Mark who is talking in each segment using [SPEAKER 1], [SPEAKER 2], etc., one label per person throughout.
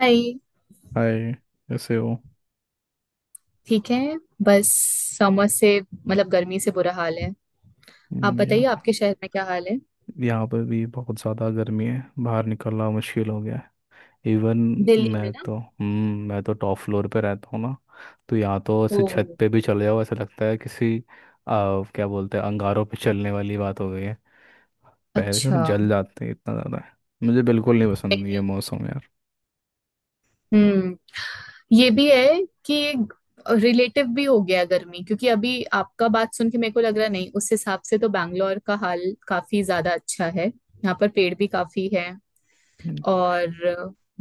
[SPEAKER 1] हाय।
[SPEAKER 2] Hi. कैसे हो?
[SPEAKER 1] ठीक है। बस समर से मतलब गर्मी से बुरा हाल है। आप
[SPEAKER 2] हम्म, यहाँ
[SPEAKER 1] बताइए,
[SPEAKER 2] पर
[SPEAKER 1] आपके शहर में क्या हाल है?
[SPEAKER 2] यहाँ पर भी बहुत ज़्यादा गर्मी है। बाहर निकलना मुश्किल हो गया है। इवन
[SPEAKER 1] दिल्ली में
[SPEAKER 2] मैं
[SPEAKER 1] ना।
[SPEAKER 2] तो हम्म मैं तो टॉप फ्लोर पे रहता हूँ ना। तो यहाँ तो
[SPEAKER 1] ओ।
[SPEAKER 2] ऐसे छत पे भी चले जाओ ऐसा लगता है किसी क्या बोलते हैं, अंगारों पे चलने वाली बात हो गई है। पैर तो
[SPEAKER 1] अच्छा।
[SPEAKER 2] जल जाते हैं, इतना ज़्यादा है। मुझे बिल्कुल नहीं
[SPEAKER 1] नहीं,
[SPEAKER 2] पसंद ये
[SPEAKER 1] नहीं।
[SPEAKER 2] मौसम यार।
[SPEAKER 1] हम्म। ये भी है कि एक रिलेटिव भी हो गया गर्मी, क्योंकि अभी आपका बात सुन के मेरे को लग रहा नहीं उस हिसाब से। तो बैंगलोर का हाल काफी ज्यादा अच्छा है, यहाँ पर पेड़ भी काफी है।
[SPEAKER 2] हम्म,
[SPEAKER 1] और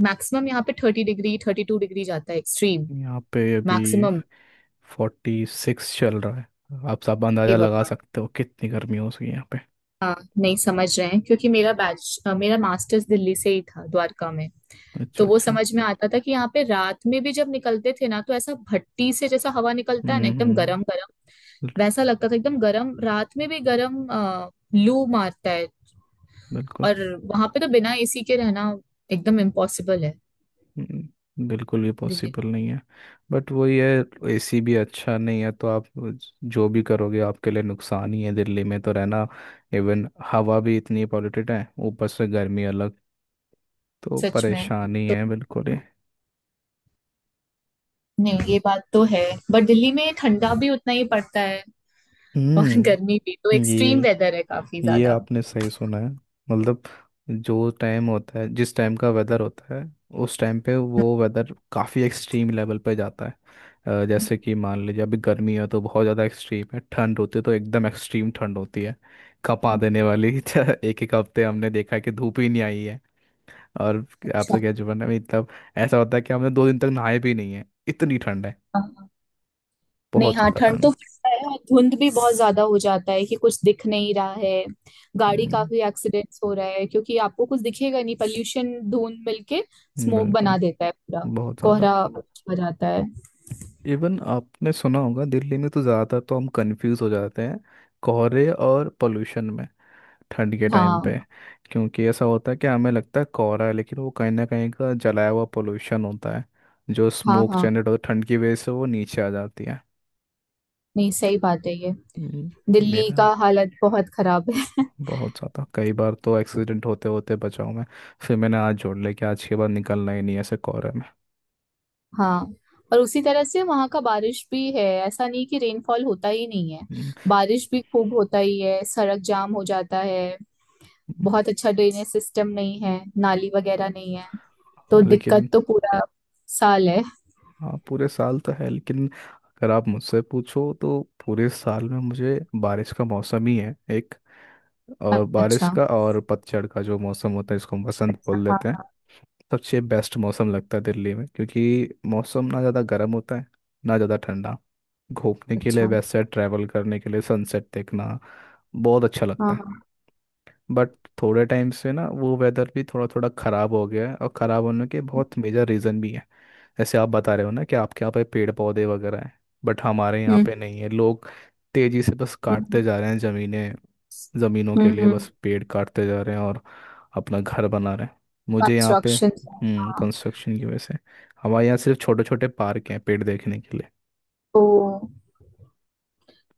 [SPEAKER 1] मैक्सिमम यहाँ पे 30 डिग्री 32 डिग्री जाता है, एक्सट्रीम
[SPEAKER 2] यहाँ पे अभी
[SPEAKER 1] मैक्सिमम।
[SPEAKER 2] 46 चल रहा है। आप सब
[SPEAKER 1] हे
[SPEAKER 2] अंदाज़ा लगा
[SPEAKER 1] भगवान।
[SPEAKER 2] सकते हो कितनी गर्मी हो सकी यहाँ पे।
[SPEAKER 1] हाँ, नहीं समझ रहे हैं क्योंकि मेरा बैच मेरा मास्टर्स दिल्ली से ही था, द्वारका में।
[SPEAKER 2] अच्छा
[SPEAKER 1] तो वो
[SPEAKER 2] अच्छा।
[SPEAKER 1] समझ में आता था कि यहाँ पे रात में भी जब निकलते थे ना, तो ऐसा भट्टी से जैसा हवा निकलता है ना, एकदम
[SPEAKER 2] हम्म।
[SPEAKER 1] गरम गरम।
[SPEAKER 2] बिल-
[SPEAKER 1] वैसा लगता था, एकदम गरम, रात में भी गरम लू मारता है।
[SPEAKER 2] बिल्कुल।
[SPEAKER 1] और वहां पे तो बिना एसी के रहना एकदम इम्पॉसिबल है।
[SPEAKER 2] बिल्कुल ये
[SPEAKER 1] दिल्ली।
[SPEAKER 2] पॉसिबल नहीं है। बट वही है, एसी भी अच्छा नहीं है तो आप जो भी करोगे आपके लिए नुकसान ही है। दिल्ली में तो रहना, इवन हवा भी इतनी पॉल्यूटेड है, ऊपर से गर्मी अलग। तो
[SPEAKER 1] सच में।
[SPEAKER 2] परेशानी है बिल्कुल ही।
[SPEAKER 1] नहीं, ये बात तो है, बट दिल्ली में ठंडा भी उतना ही पड़ता है। और
[SPEAKER 2] हम्म
[SPEAKER 1] गर्मी भी, तो एक्सट्रीम
[SPEAKER 2] ये
[SPEAKER 1] वेदर है काफी
[SPEAKER 2] ये
[SPEAKER 1] ज्यादा।
[SPEAKER 2] आपने सही सुना है। मतलब जो टाइम होता है, जिस टाइम का वेदर होता है, उस टाइम पे वो वेदर काफ़ी एक्सट्रीम लेवल पे जाता है।
[SPEAKER 1] हम्म।
[SPEAKER 2] जैसे कि मान लीजिए अभी गर्मी है तो बहुत ज़्यादा एक्सट्रीम है, ठंड होती है तो एकदम एक्सट्रीम ठंड होती है, कपा देने वाली। एक एक हफ्ते हमने देखा है कि धूप ही नहीं आई है। और
[SPEAKER 1] अच्छा
[SPEAKER 2] आपसे क्या जुबान है, मतलब ऐसा होता है कि हमने 2 दिन तक नहाए भी नहीं है, इतनी ठंड है।
[SPEAKER 1] हाँ। नहीं
[SPEAKER 2] बहुत
[SPEAKER 1] हाँ,
[SPEAKER 2] ज़्यादा
[SPEAKER 1] ठंड तो
[SPEAKER 2] ठंड।
[SPEAKER 1] पड़ता है और धुंध भी बहुत ज्यादा हो जाता है कि कुछ दिख नहीं रहा है। गाड़ी
[SPEAKER 2] हम्म,
[SPEAKER 1] काफी एक्सीडेंट्स हो रहा है, क्योंकि आपको कुछ दिखेगा नहीं, पॉल्यूशन धुंध मिलके स्मोक
[SPEAKER 2] बिल्कुल।
[SPEAKER 1] बना देता है पूरा।
[SPEAKER 2] बहुत ज़्यादा।
[SPEAKER 1] कोहरा हो जाता है।
[SPEAKER 2] इवन आपने सुना होगा, दिल्ली में तो ज़्यादा तो हम कंफ्यूज हो जाते हैं कोहरे और पोल्यूशन में, ठंड के टाइम पे।
[SPEAKER 1] हाँ
[SPEAKER 2] क्योंकि ऐसा होता है कि हमें लगता है कोहरा है, लेकिन वो कहीं ना कहीं का जलाया हुआ पोल्यूशन होता है। जो
[SPEAKER 1] हाँ।
[SPEAKER 2] स्मोक
[SPEAKER 1] हाँ,
[SPEAKER 2] जनरेट होता है ठंड की वजह से वो नीचे आ जाती है।
[SPEAKER 1] नहीं सही बात है ये,
[SPEAKER 2] हम्म,
[SPEAKER 1] दिल्ली
[SPEAKER 2] मेरा
[SPEAKER 1] का हालत बहुत खराब है।
[SPEAKER 2] बहुत ज़्यादा, कई बार तो एक्सीडेंट होते होते बचाऊँ मैं। फिर मैंने आज जोड़ लिया कि आज के बाद निकलना ही नहीं है ऐसे कोहरे में।
[SPEAKER 1] हाँ। और उसी तरह से वहाँ का बारिश भी है, ऐसा नहीं कि रेनफॉल होता ही नहीं है।
[SPEAKER 2] हम्म।
[SPEAKER 1] बारिश भी खूब होता ही है, सड़क जाम हो जाता है।
[SPEAKER 2] हम्म।
[SPEAKER 1] बहुत अच्छा ड्रेनेज सिस्टम नहीं है, नाली वगैरह नहीं है।
[SPEAKER 2] हाँ,
[SPEAKER 1] तो
[SPEAKER 2] लेकिन
[SPEAKER 1] दिक्कत तो पूरा साल है।
[SPEAKER 2] हाँ पूरे साल तो है लेकिन अगर आप मुझसे पूछो तो पूरे साल में मुझे बारिश का मौसम ही है एक। और बारिश
[SPEAKER 1] अच्छा।
[SPEAKER 2] का और पतझड़ का जो मौसम होता है इसको हम बसंत
[SPEAKER 1] अच्छा
[SPEAKER 2] बोल देते हैं।
[SPEAKER 1] हाँ।
[SPEAKER 2] सबसे बेस्ट मौसम लगता है दिल्ली में, क्योंकि मौसम ना ज़्यादा गर्म होता है ना ज़्यादा ठंडा। घूमने के लिए,
[SPEAKER 1] अच्छा।
[SPEAKER 2] वैसे ट्रैवल करने के लिए, सनसेट देखना बहुत अच्छा
[SPEAKER 1] हाँ
[SPEAKER 2] लगता है।
[SPEAKER 1] हाँ।
[SPEAKER 2] बट थोड़े टाइम से ना वो वेदर भी थोड़ा थोड़ा ख़राब हो गया है, और ख़राब होने के बहुत मेजर रीज़न भी है। जैसे आप बता रहे हो ना कि आपके यहाँ पे पेड़ पौधे वगैरह हैं, बट हमारे यहाँ
[SPEAKER 1] हम्म
[SPEAKER 2] पे नहीं है। लोग तेजी से बस
[SPEAKER 1] हम्म।
[SPEAKER 2] काटते जा रहे हैं जमीनें। जमीनों के लिए
[SPEAKER 1] हम्म।
[SPEAKER 2] बस पेड़ काटते जा रहे हैं और अपना घर बना रहे हैं। मुझे यहाँ पे
[SPEAKER 1] कंस्ट्रक्शन। हाँ।
[SPEAKER 2] कंस्ट्रक्शन की वजह से हमारे यहाँ सिर्फ छोटे छोटे पार्क हैं पेड़ देखने के लिए।
[SPEAKER 1] तो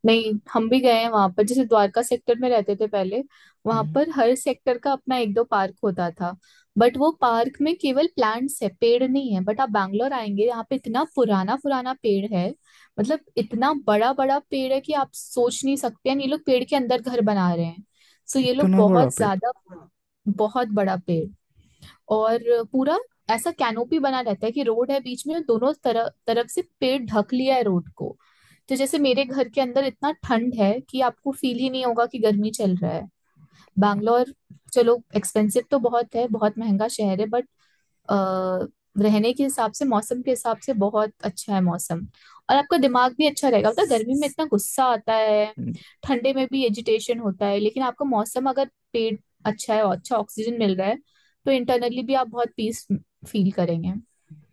[SPEAKER 1] नहीं, हम भी गए हैं वहां पर, जैसे द्वारका सेक्टर में रहते थे पहले। वहां
[SPEAKER 2] हम्म।
[SPEAKER 1] पर हर सेक्टर का अपना एक दो पार्क होता था। बट वो पार्क में केवल प्लांट्स है, पेड़ नहीं है। बट आप बैंगलोर आएंगे, यहाँ पे इतना पुराना पुराना पेड़ है। मतलब इतना बड़ा बड़ा पेड़ है कि आप सोच नहीं सकते हैं, ये लोग पेड़ के अंदर घर बना रहे हैं। सो ये लोग
[SPEAKER 2] इतना बड़ा
[SPEAKER 1] बहुत
[SPEAKER 2] पेड़?
[SPEAKER 1] ज्यादा, बहुत बड़ा पेड़। और पूरा ऐसा कैनोपी बना रहता है कि रोड है बीच में, दोनों तरफ तरफ से पेड़ ढक लिया है रोड को। तो जैसे मेरे घर के अंदर इतना ठंड है कि आपको फील ही नहीं होगा कि गर्मी चल रहा है।
[SPEAKER 2] अच्छा।
[SPEAKER 1] बैंगलोर, चलो एक्सपेंसिव तो बहुत है, बहुत महंगा शहर है, बट रहने के हिसाब से, मौसम के हिसाब से बहुत अच्छा है मौसम। और आपका दिमाग भी अच्छा रहेगा, पता है, गर्मी में इतना गुस्सा आता है।
[SPEAKER 2] हम्म,
[SPEAKER 1] ठंडे में भी एजिटेशन होता है, लेकिन आपका मौसम अगर पेट अच्छा है और अच्छा ऑक्सीजन मिल रहा है, तो इंटरनली भी आप बहुत पीस फील करेंगे।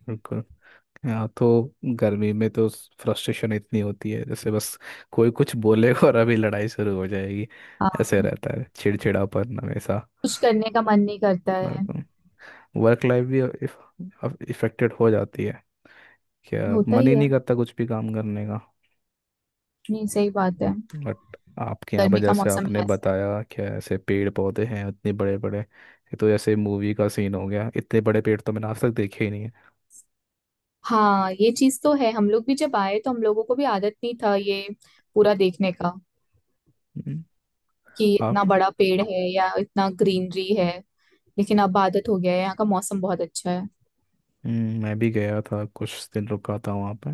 [SPEAKER 2] बिल्कुल। यहाँ तो गर्मी में तो फ्रस्ट्रेशन इतनी होती है, जैसे बस कोई कुछ बोलेगा और अभी लड़ाई शुरू हो जाएगी।
[SPEAKER 1] हाँ।
[SPEAKER 2] ऐसे रहता है चिड़चिड़ापन हमेशा।
[SPEAKER 1] कुछ करने का मन नहीं करता है।
[SPEAKER 2] मतलब वर्क लाइफ भी इफेक्टेड हो जाती है, क्या
[SPEAKER 1] होता
[SPEAKER 2] मन
[SPEAKER 1] ही
[SPEAKER 2] ही
[SPEAKER 1] है।
[SPEAKER 2] नहीं करता कुछ भी काम करने का।
[SPEAKER 1] नहीं, सही बात है।
[SPEAKER 2] बट आपके यहाँ पर
[SPEAKER 1] गर्मी का
[SPEAKER 2] जैसे
[SPEAKER 1] मौसम
[SPEAKER 2] आपने
[SPEAKER 1] है ऐसा।
[SPEAKER 2] बताया, क्या ऐसे पेड़ पौधे हैं इतने बड़े बड़े, ये तो जैसे मूवी का सीन हो गया। इतने बड़े पेड़ तो मैंने आज तक देखे ही नहीं है।
[SPEAKER 1] हाँ, ये चीज तो है। हम लोग भी जब आए तो हम लोगों को भी आदत नहीं था ये पूरा देखने का,
[SPEAKER 2] हम्म।
[SPEAKER 1] कि
[SPEAKER 2] आप।
[SPEAKER 1] इतना बड़ा पेड़ है या इतना ग्रीनरी है। लेकिन अब आदत हो गया है, यहाँ का मौसम बहुत अच्छा है।
[SPEAKER 2] मैं भी गया था, कुछ दिन रुका था वहाँ पे।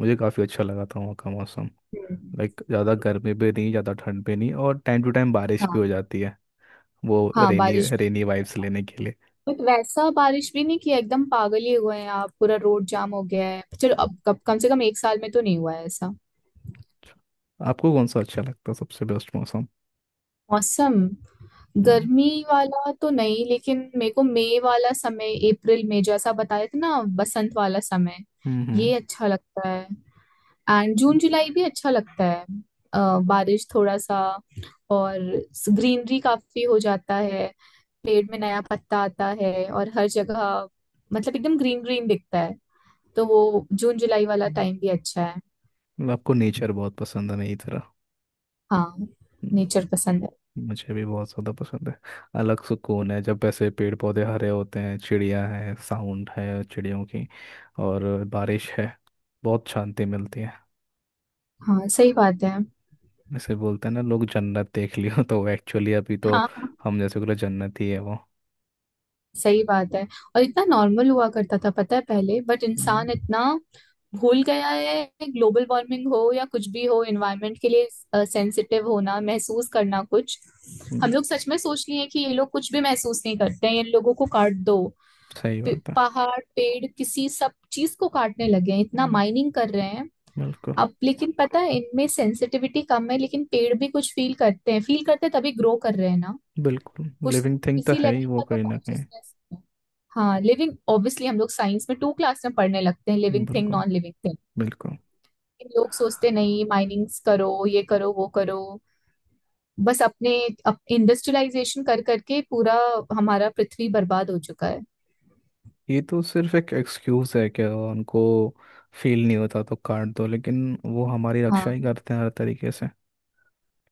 [SPEAKER 2] मुझे काफ़ी अच्छा लगा था वहाँ का मौसम।
[SPEAKER 1] हम्म।
[SPEAKER 2] लाइक ज़्यादा गर्मी भी नहीं, ज़्यादा ठंड भी नहीं, और टाइम टू टाइम बारिश भी
[SPEAKER 1] हाँ
[SPEAKER 2] हो जाती है वो
[SPEAKER 1] हाँ,
[SPEAKER 2] रेनी
[SPEAKER 1] बारिश भी,
[SPEAKER 2] रेनी वाइब्स लेने के लिए।
[SPEAKER 1] बट वैसा बारिश भी नहीं किया, एकदम पागल ही हुए हैं, आप पूरा रोड जाम हो गया है, चलो अब कब, कम से कम एक साल में तो नहीं हुआ है ऐसा।
[SPEAKER 2] आपको कौन सा अच्छा लगता है, सबसे बेस्ट मौसम?
[SPEAKER 1] मौसम,
[SPEAKER 2] हम्म।
[SPEAKER 1] गर्मी वाला तो नहीं, लेकिन मेरे को मई वाला समय, अप्रैल में जैसा बताया था ना बसंत वाला समय,
[SPEAKER 2] हम्म। हम्म।
[SPEAKER 1] ये अच्छा लगता है। एंड जून जुलाई भी अच्छा लगता है। बारिश थोड़ा सा और ग्रीनरी काफी हो जाता है, पेड़ में नया पत्ता आता है और हर जगह मतलब एकदम ग्रीन ग्रीन दिखता है। तो वो जून जुलाई वाला
[SPEAKER 2] हम्म।
[SPEAKER 1] टाइम भी अच्छा है।
[SPEAKER 2] मतलब आपको नेचर बहुत पसंद है मेरी तरह?
[SPEAKER 1] हाँ, नेचर
[SPEAKER 2] हम्म,
[SPEAKER 1] पसंद है।
[SPEAKER 2] मुझे भी बहुत ज़्यादा पसंद है। अलग सुकून है जब ऐसे पेड़ पौधे हरे होते हैं, चिड़िया है, साउंड है चिड़ियों की, और बारिश है। बहुत शांति मिलती है।
[SPEAKER 1] हाँ, सही बात है।
[SPEAKER 2] जैसे बोलते हैं ना लोग, जन्नत देख लियो। तो एक्चुअली अभी तो
[SPEAKER 1] हाँ,
[SPEAKER 2] हम जैसे बोले जन्नत ही है वो।
[SPEAKER 1] सही बात है, और इतना नॉर्मल हुआ करता था पता है पहले, बट
[SPEAKER 2] हम्म।
[SPEAKER 1] इंसान इतना भूल गया है। ग्लोबल वार्मिंग हो या कुछ भी हो, एनवायरनमेंट के लिए सेंसिटिव होना, महसूस करना कुछ, हम
[SPEAKER 2] हम्म,
[SPEAKER 1] लोग सच में सोच लिए हैं कि ये लोग कुछ भी महसूस नहीं करते हैं, इन लोगों को काट दो।
[SPEAKER 2] सही बात है।
[SPEAKER 1] पहाड़ पेड़ किसी सब चीज को काटने लगे हैं, इतना
[SPEAKER 2] हम्म,
[SPEAKER 1] माइनिंग कर रहे हैं।
[SPEAKER 2] बिल्कुल।
[SPEAKER 1] अब लेकिन पता है, इनमें सेंसिटिविटी कम है, लेकिन पेड़ भी कुछ फील करते हैं, फील करते हैं तभी ग्रो कर रहे हैं ना।
[SPEAKER 2] बिल्कुल
[SPEAKER 1] कुछ
[SPEAKER 2] लिविंग थिंग तो
[SPEAKER 1] इसी
[SPEAKER 2] है
[SPEAKER 1] लेवल
[SPEAKER 2] ही वो
[SPEAKER 1] का तो
[SPEAKER 2] कहीं ना कहीं।
[SPEAKER 1] कॉन्शियसनेस। हाँ, लिविंग ऑब्वियसली, हम लोग साइंस में टू क्लास में पढ़ने लगते हैं, लिविंग थिंग
[SPEAKER 2] बिल्कुल।
[SPEAKER 1] Non living thing.
[SPEAKER 2] बिल्कुल।
[SPEAKER 1] लोग सोचते नहीं, माइनिंग्स करो, ये करो, वो करो, बस अपने इंडस्ट्रियलाइजेशन कर करके पूरा हमारा पृथ्वी बर्बाद हो चुका है।
[SPEAKER 2] ये तो सिर्फ एक एक्सक्यूज है कि उनको फील नहीं होता तो काट दो, लेकिन वो हमारी रक्षा ही
[SPEAKER 1] हाँ,
[SPEAKER 2] करते हैं हर तरीके से।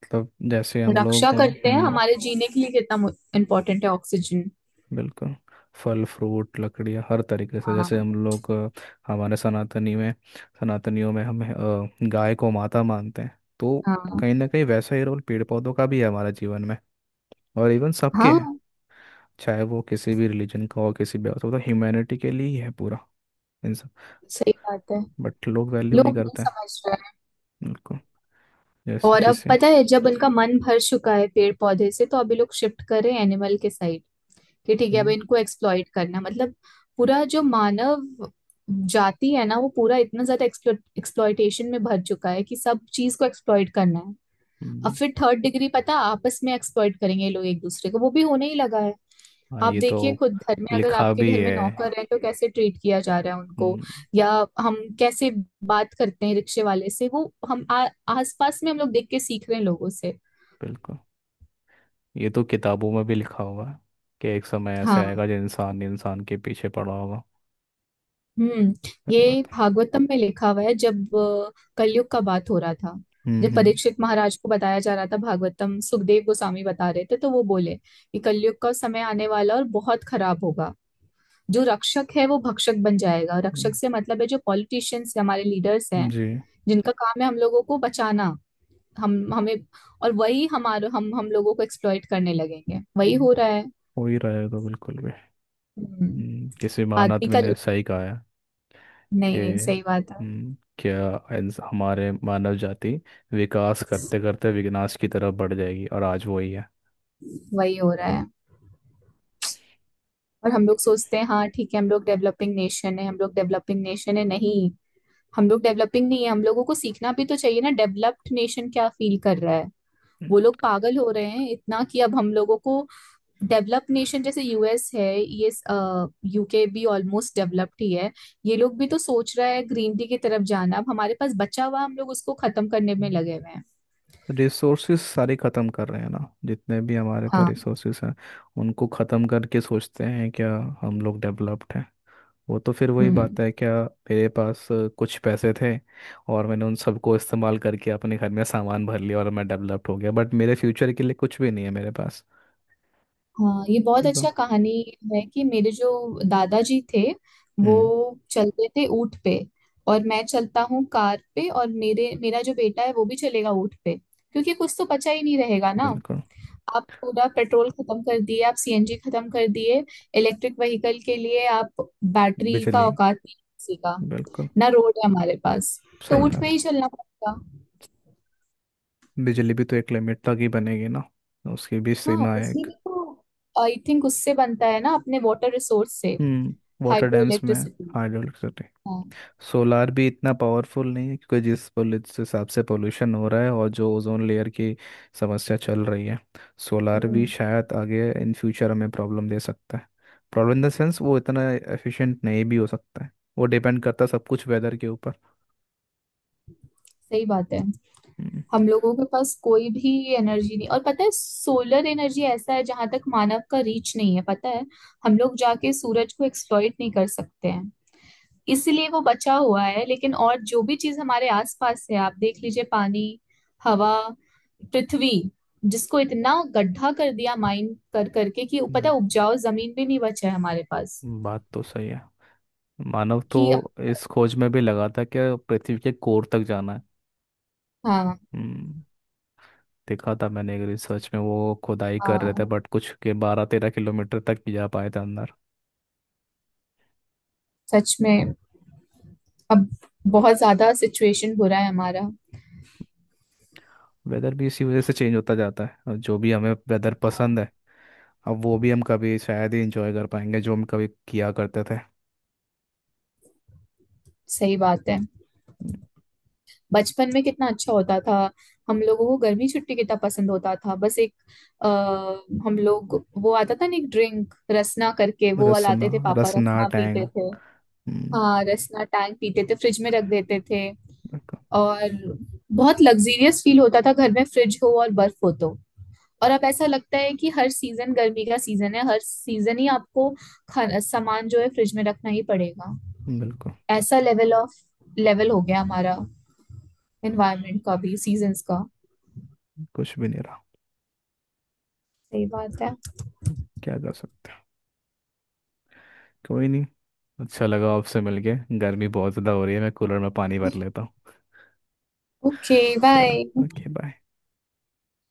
[SPEAKER 2] मतलब जैसे हम
[SPEAKER 1] रक्षा
[SPEAKER 2] लोग
[SPEAKER 1] करते हैं, हमारे जीने के लिए कितना इम्पोर्टेंट है ऑक्सीजन।
[SPEAKER 2] बिल्कुल। फल फ्रूट लकड़ियाँ हर तरीके से। जैसे
[SPEAKER 1] हाँ
[SPEAKER 2] हम लोग हमारे सनातनी में सनातनियों में हम गाय को माता मानते हैं, तो
[SPEAKER 1] हाँ।
[SPEAKER 2] कहीं ना कहीं वैसा ही रोल पेड़ पौधों का भी है हमारे जीवन में। और इवन सबके हैं,
[SPEAKER 1] हाँ,
[SPEAKER 2] चाहे वो किसी भी रिलीजन का हो, किसी भी। तो ह्यूमैनिटी के लिए ही है पूरा इन सब।
[SPEAKER 1] सही बात है।
[SPEAKER 2] बट लोग वैल्यू नहीं
[SPEAKER 1] लोग नहीं
[SPEAKER 2] करते हैं।
[SPEAKER 1] समझ रहे हैं।
[SPEAKER 2] बिल्कुल। जैसे
[SPEAKER 1] और अब
[SPEAKER 2] किसे।
[SPEAKER 1] पता है, जब उनका मन भर चुका है पेड़ पौधे से, तो अभी लोग शिफ्ट कर रहे हैं एनिमल के साइड, कि ठीक है अब
[SPEAKER 2] हम्म।
[SPEAKER 1] इनको एक्सप्लॉइट करना है। मतलब पूरा जो मानव जाति है ना, वो पूरा इतना ज्यादा एक्सप्लॉइटेशन में भर चुका है कि सब चीज को एक्सप्लॉइट करना है। अब
[SPEAKER 2] हम्म,
[SPEAKER 1] फिर थर्ड डिग्री, पता, आपस में एक्सप्लॉइट करेंगे ये लोग एक दूसरे को, वो भी होने ही लगा है।
[SPEAKER 2] हाँ
[SPEAKER 1] आप
[SPEAKER 2] ये तो
[SPEAKER 1] देखिए, खुद घर में, अगर
[SPEAKER 2] लिखा
[SPEAKER 1] आपके
[SPEAKER 2] भी
[SPEAKER 1] घर में
[SPEAKER 2] है।
[SPEAKER 1] नौकर है तो कैसे ट्रीट किया जा रहा है उनको।
[SPEAKER 2] हम्म,
[SPEAKER 1] या हम कैसे बात करते हैं रिक्शे वाले से, वो हम आस पास में हम लोग देख के सीख रहे हैं लोगों से।
[SPEAKER 2] बिल्कुल ये तो किताबों में भी लिखा होगा, कि एक समय ऐसे
[SPEAKER 1] हाँ।
[SPEAKER 2] आएगा जो इंसान इंसान के पीछे पड़ा होगा।
[SPEAKER 1] हम्म।
[SPEAKER 2] सही
[SPEAKER 1] ये
[SPEAKER 2] बात है।
[SPEAKER 1] भागवतम में लिखा हुआ है, जब कलयुग का बात हो रहा था,
[SPEAKER 2] हम्म।
[SPEAKER 1] जब
[SPEAKER 2] हम्म।
[SPEAKER 1] परीक्षित महाराज को बताया जा रहा था भागवतम, सुखदेव गोस्वामी बता रहे थे, तो वो बोले कि कलयुग का समय आने वाला और बहुत खराब होगा, जो रक्षक है वो भक्षक बन जाएगा। रक्षक
[SPEAKER 2] हम्म,
[SPEAKER 1] से मतलब है जो पॉलिटिशियंस, हमारे लीडर्स हैं,
[SPEAKER 2] जी।
[SPEAKER 1] जिनका काम है हम लोगों को बचाना, हम हमें, और वही हमारे हम लोगों को एक्सप्लॉइट करने लगेंगे, वही
[SPEAKER 2] हम्म,
[SPEAKER 1] हो रहा है।
[SPEAKER 2] हो ही रहा है तो, बिल्कुल भी।
[SPEAKER 1] हम्म,
[SPEAKER 2] किसी महान
[SPEAKER 1] आदमी का।
[SPEAKER 2] ने सही कहा है कि,
[SPEAKER 1] नहीं नहीं, सही बात है।
[SPEAKER 2] क्या हमारे मानव जाति विकास करते करते विनाश की तरफ बढ़ जाएगी, और आज वही है।
[SPEAKER 1] वही हो रहा है। और हम लोग सोचते हैं हाँ ठीक है, हम लोग डेवलपिंग नेशन है, हम लोग डेवलपिंग नेशन है। नहीं, हम लोग डेवलपिंग नहीं है, हम लोगों को सीखना भी तो चाहिए ना डेवलप्ड नेशन क्या फील कर रहा है। वो लोग पागल हो रहे हैं इतना, कि अब हम लोगों को डेवलप नेशन जैसे यूएस है ये, यूके भी ऑलमोस्ट डेवलप्ड ही है, ये लोग भी तो सोच रहा है ग्रीन टी की तरफ जाना। अब हमारे पास बचा हुआ, हम लोग उसको खत्म करने में
[SPEAKER 2] हम्म,
[SPEAKER 1] लगे हुए हैं।
[SPEAKER 2] रिसोर्सेज सारे ख़त्म कर रहे हैं ना। जितने भी हमारे पास
[SPEAKER 1] हाँ।
[SPEAKER 2] रिसोर्सेज हैं उनको ख़त्म करके सोचते हैं क्या हम लोग डेवलप्ड हैं? वो तो फिर वही
[SPEAKER 1] हम्म।
[SPEAKER 2] बात है क्या, मेरे पास कुछ पैसे थे और मैंने उन सबको इस्तेमाल करके अपने घर में सामान भर लिया और मैं डेवलप्ड हो गया, बट मेरे फ्यूचर के लिए कुछ भी नहीं है मेरे पास।
[SPEAKER 1] हाँ, ये बहुत
[SPEAKER 2] तो
[SPEAKER 1] अच्छा कहानी है, कि मेरे जो दादाजी थे, वो
[SPEAKER 2] हम्म
[SPEAKER 1] चलते थे ऊँट पे, और मैं चलता हूँ कार पे, और मेरे मेरा जो बेटा है वो भी चलेगा ऊँट पे, क्योंकि कुछ तो बचा ही नहीं रहेगा ना।
[SPEAKER 2] बिल्कुल।
[SPEAKER 1] आप पूरा पेट्रोल खत्म कर दिए, आप सीएनजी खत्म कर दिए। इलेक्ट्रिक व्हीकल के लिए आप, बैटरी का
[SPEAKER 2] बिजली।
[SPEAKER 1] औकात नहीं है किसी का।
[SPEAKER 2] बिल्कुल।
[SPEAKER 1] ना रोड है हमारे पास, तो
[SPEAKER 2] सही
[SPEAKER 1] ऊँट पे
[SPEAKER 2] बात
[SPEAKER 1] ही चलना पड़ेगा।
[SPEAKER 2] है। बिजली भी तो एक लिमिट तक ही बनेगी ना, उसकी भी
[SPEAKER 1] हाँ,
[SPEAKER 2] सीमा है
[SPEAKER 1] बिजली
[SPEAKER 2] एक।
[SPEAKER 1] भी तो, आई थिंक उससे बनता है ना अपने वाटर रिसोर्स से,
[SPEAKER 2] वाटर
[SPEAKER 1] हाइड्रो
[SPEAKER 2] डैम्स में।
[SPEAKER 1] इलेक्ट्रिसिटी।
[SPEAKER 2] हाइड्रोइलेक्ट्रिसिटी। सोलार भी इतना पावरफुल नहीं है, क्योंकि जिस जिस हिसाब से पोल्यूशन हो रहा है और जो ओजोन लेयर की समस्या चल रही है, सोलार भी
[SPEAKER 1] हम्म।
[SPEAKER 2] शायद आगे इन फ्यूचर हमें प्रॉब्लम दे सकता है। प्रॉब्लम इन द सेंस वो इतना एफिशिएंट नहीं भी हो सकता है, वो डिपेंड करता है सब कुछ वेदर के ऊपर।
[SPEAKER 1] सही बात है,
[SPEAKER 2] हम्म।
[SPEAKER 1] हम लोगों के पास कोई भी एनर्जी नहीं। और पता है, सोलर एनर्जी ऐसा है जहां तक मानव का रीच नहीं है, पता है, हम लोग जाके सूरज को एक्सप्लॉइट नहीं कर सकते हैं, इसलिए वो बचा हुआ है। लेकिन और जो भी चीज हमारे आसपास है, आप देख लीजिए, पानी, हवा, पृथ्वी, जिसको इतना गड्ढा कर दिया माइन कर करके, कि पता
[SPEAKER 2] हम्म,
[SPEAKER 1] है उपजाऊ जमीन भी नहीं बचा है हमारे पास
[SPEAKER 2] बात तो सही है। मानव तो
[SPEAKER 1] कि अब।
[SPEAKER 2] इस खोज में भी लगा था कि पृथ्वी के कोर तक जाना है।
[SPEAKER 1] हाँ
[SPEAKER 2] हम्म, देखा था मैंने एक रिसर्च में, वो खुदाई कर रहे थे
[SPEAKER 1] हाँ,
[SPEAKER 2] बट कुछ के 12-13 किलोमीटर तक भी जा पाए थे अंदर।
[SPEAKER 1] सच में। अब बहुत ज्यादा सिचुएशन बुरा है हमारा।
[SPEAKER 2] वेदर भी इसी वजह से चेंज होता जाता है, और जो भी हमें वेदर पसंद है अब वो भी हम कभी शायद ही इंजॉय कर पाएंगे जो हम कभी किया करते थे।
[SPEAKER 1] सही बात है।
[SPEAKER 2] हम्म।
[SPEAKER 1] बचपन में कितना अच्छा होता था, हम लोगों को गर्मी छुट्टी कितना पसंद होता था। बस एक आ, हम लोग, वो आता था ना, एक ड्रिंक रसना करके, वो वाला
[SPEAKER 2] रसना।
[SPEAKER 1] आते थे, पापा
[SPEAKER 2] रसना
[SPEAKER 1] रसना
[SPEAKER 2] टैंग।
[SPEAKER 1] पीते थे।
[SPEAKER 2] हम्म,
[SPEAKER 1] हाँ, रसना टैंक पीते थे, फ्रिज में रख देते थे।
[SPEAKER 2] बिल्कुल।
[SPEAKER 1] और बहुत लग्जीरियस फील होता था, घर में फ्रिज हो और बर्फ हो तो। और अब ऐसा लगता है कि हर सीजन गर्मी का सीजन है, हर सीजन ही आपको खाना सामान जो है फ्रिज में रखना ही पड़ेगा।
[SPEAKER 2] बिल्कुल,
[SPEAKER 1] ऐसा लेवल हो गया हमारा, एनवायरनमेंट का भी, सीजन्स का।
[SPEAKER 2] कुछ भी नहीं रहा।
[SPEAKER 1] सही बात है।
[SPEAKER 2] हम्म, क्या कर सकते हैं, कोई नहीं। अच्छा लगा आपसे मिलके। गर्मी बहुत ज़्यादा हो रही है, मैं कूलर में पानी भर लेता हूँ।
[SPEAKER 1] ओके
[SPEAKER 2] चलो,
[SPEAKER 1] बाय।
[SPEAKER 2] Okay bye.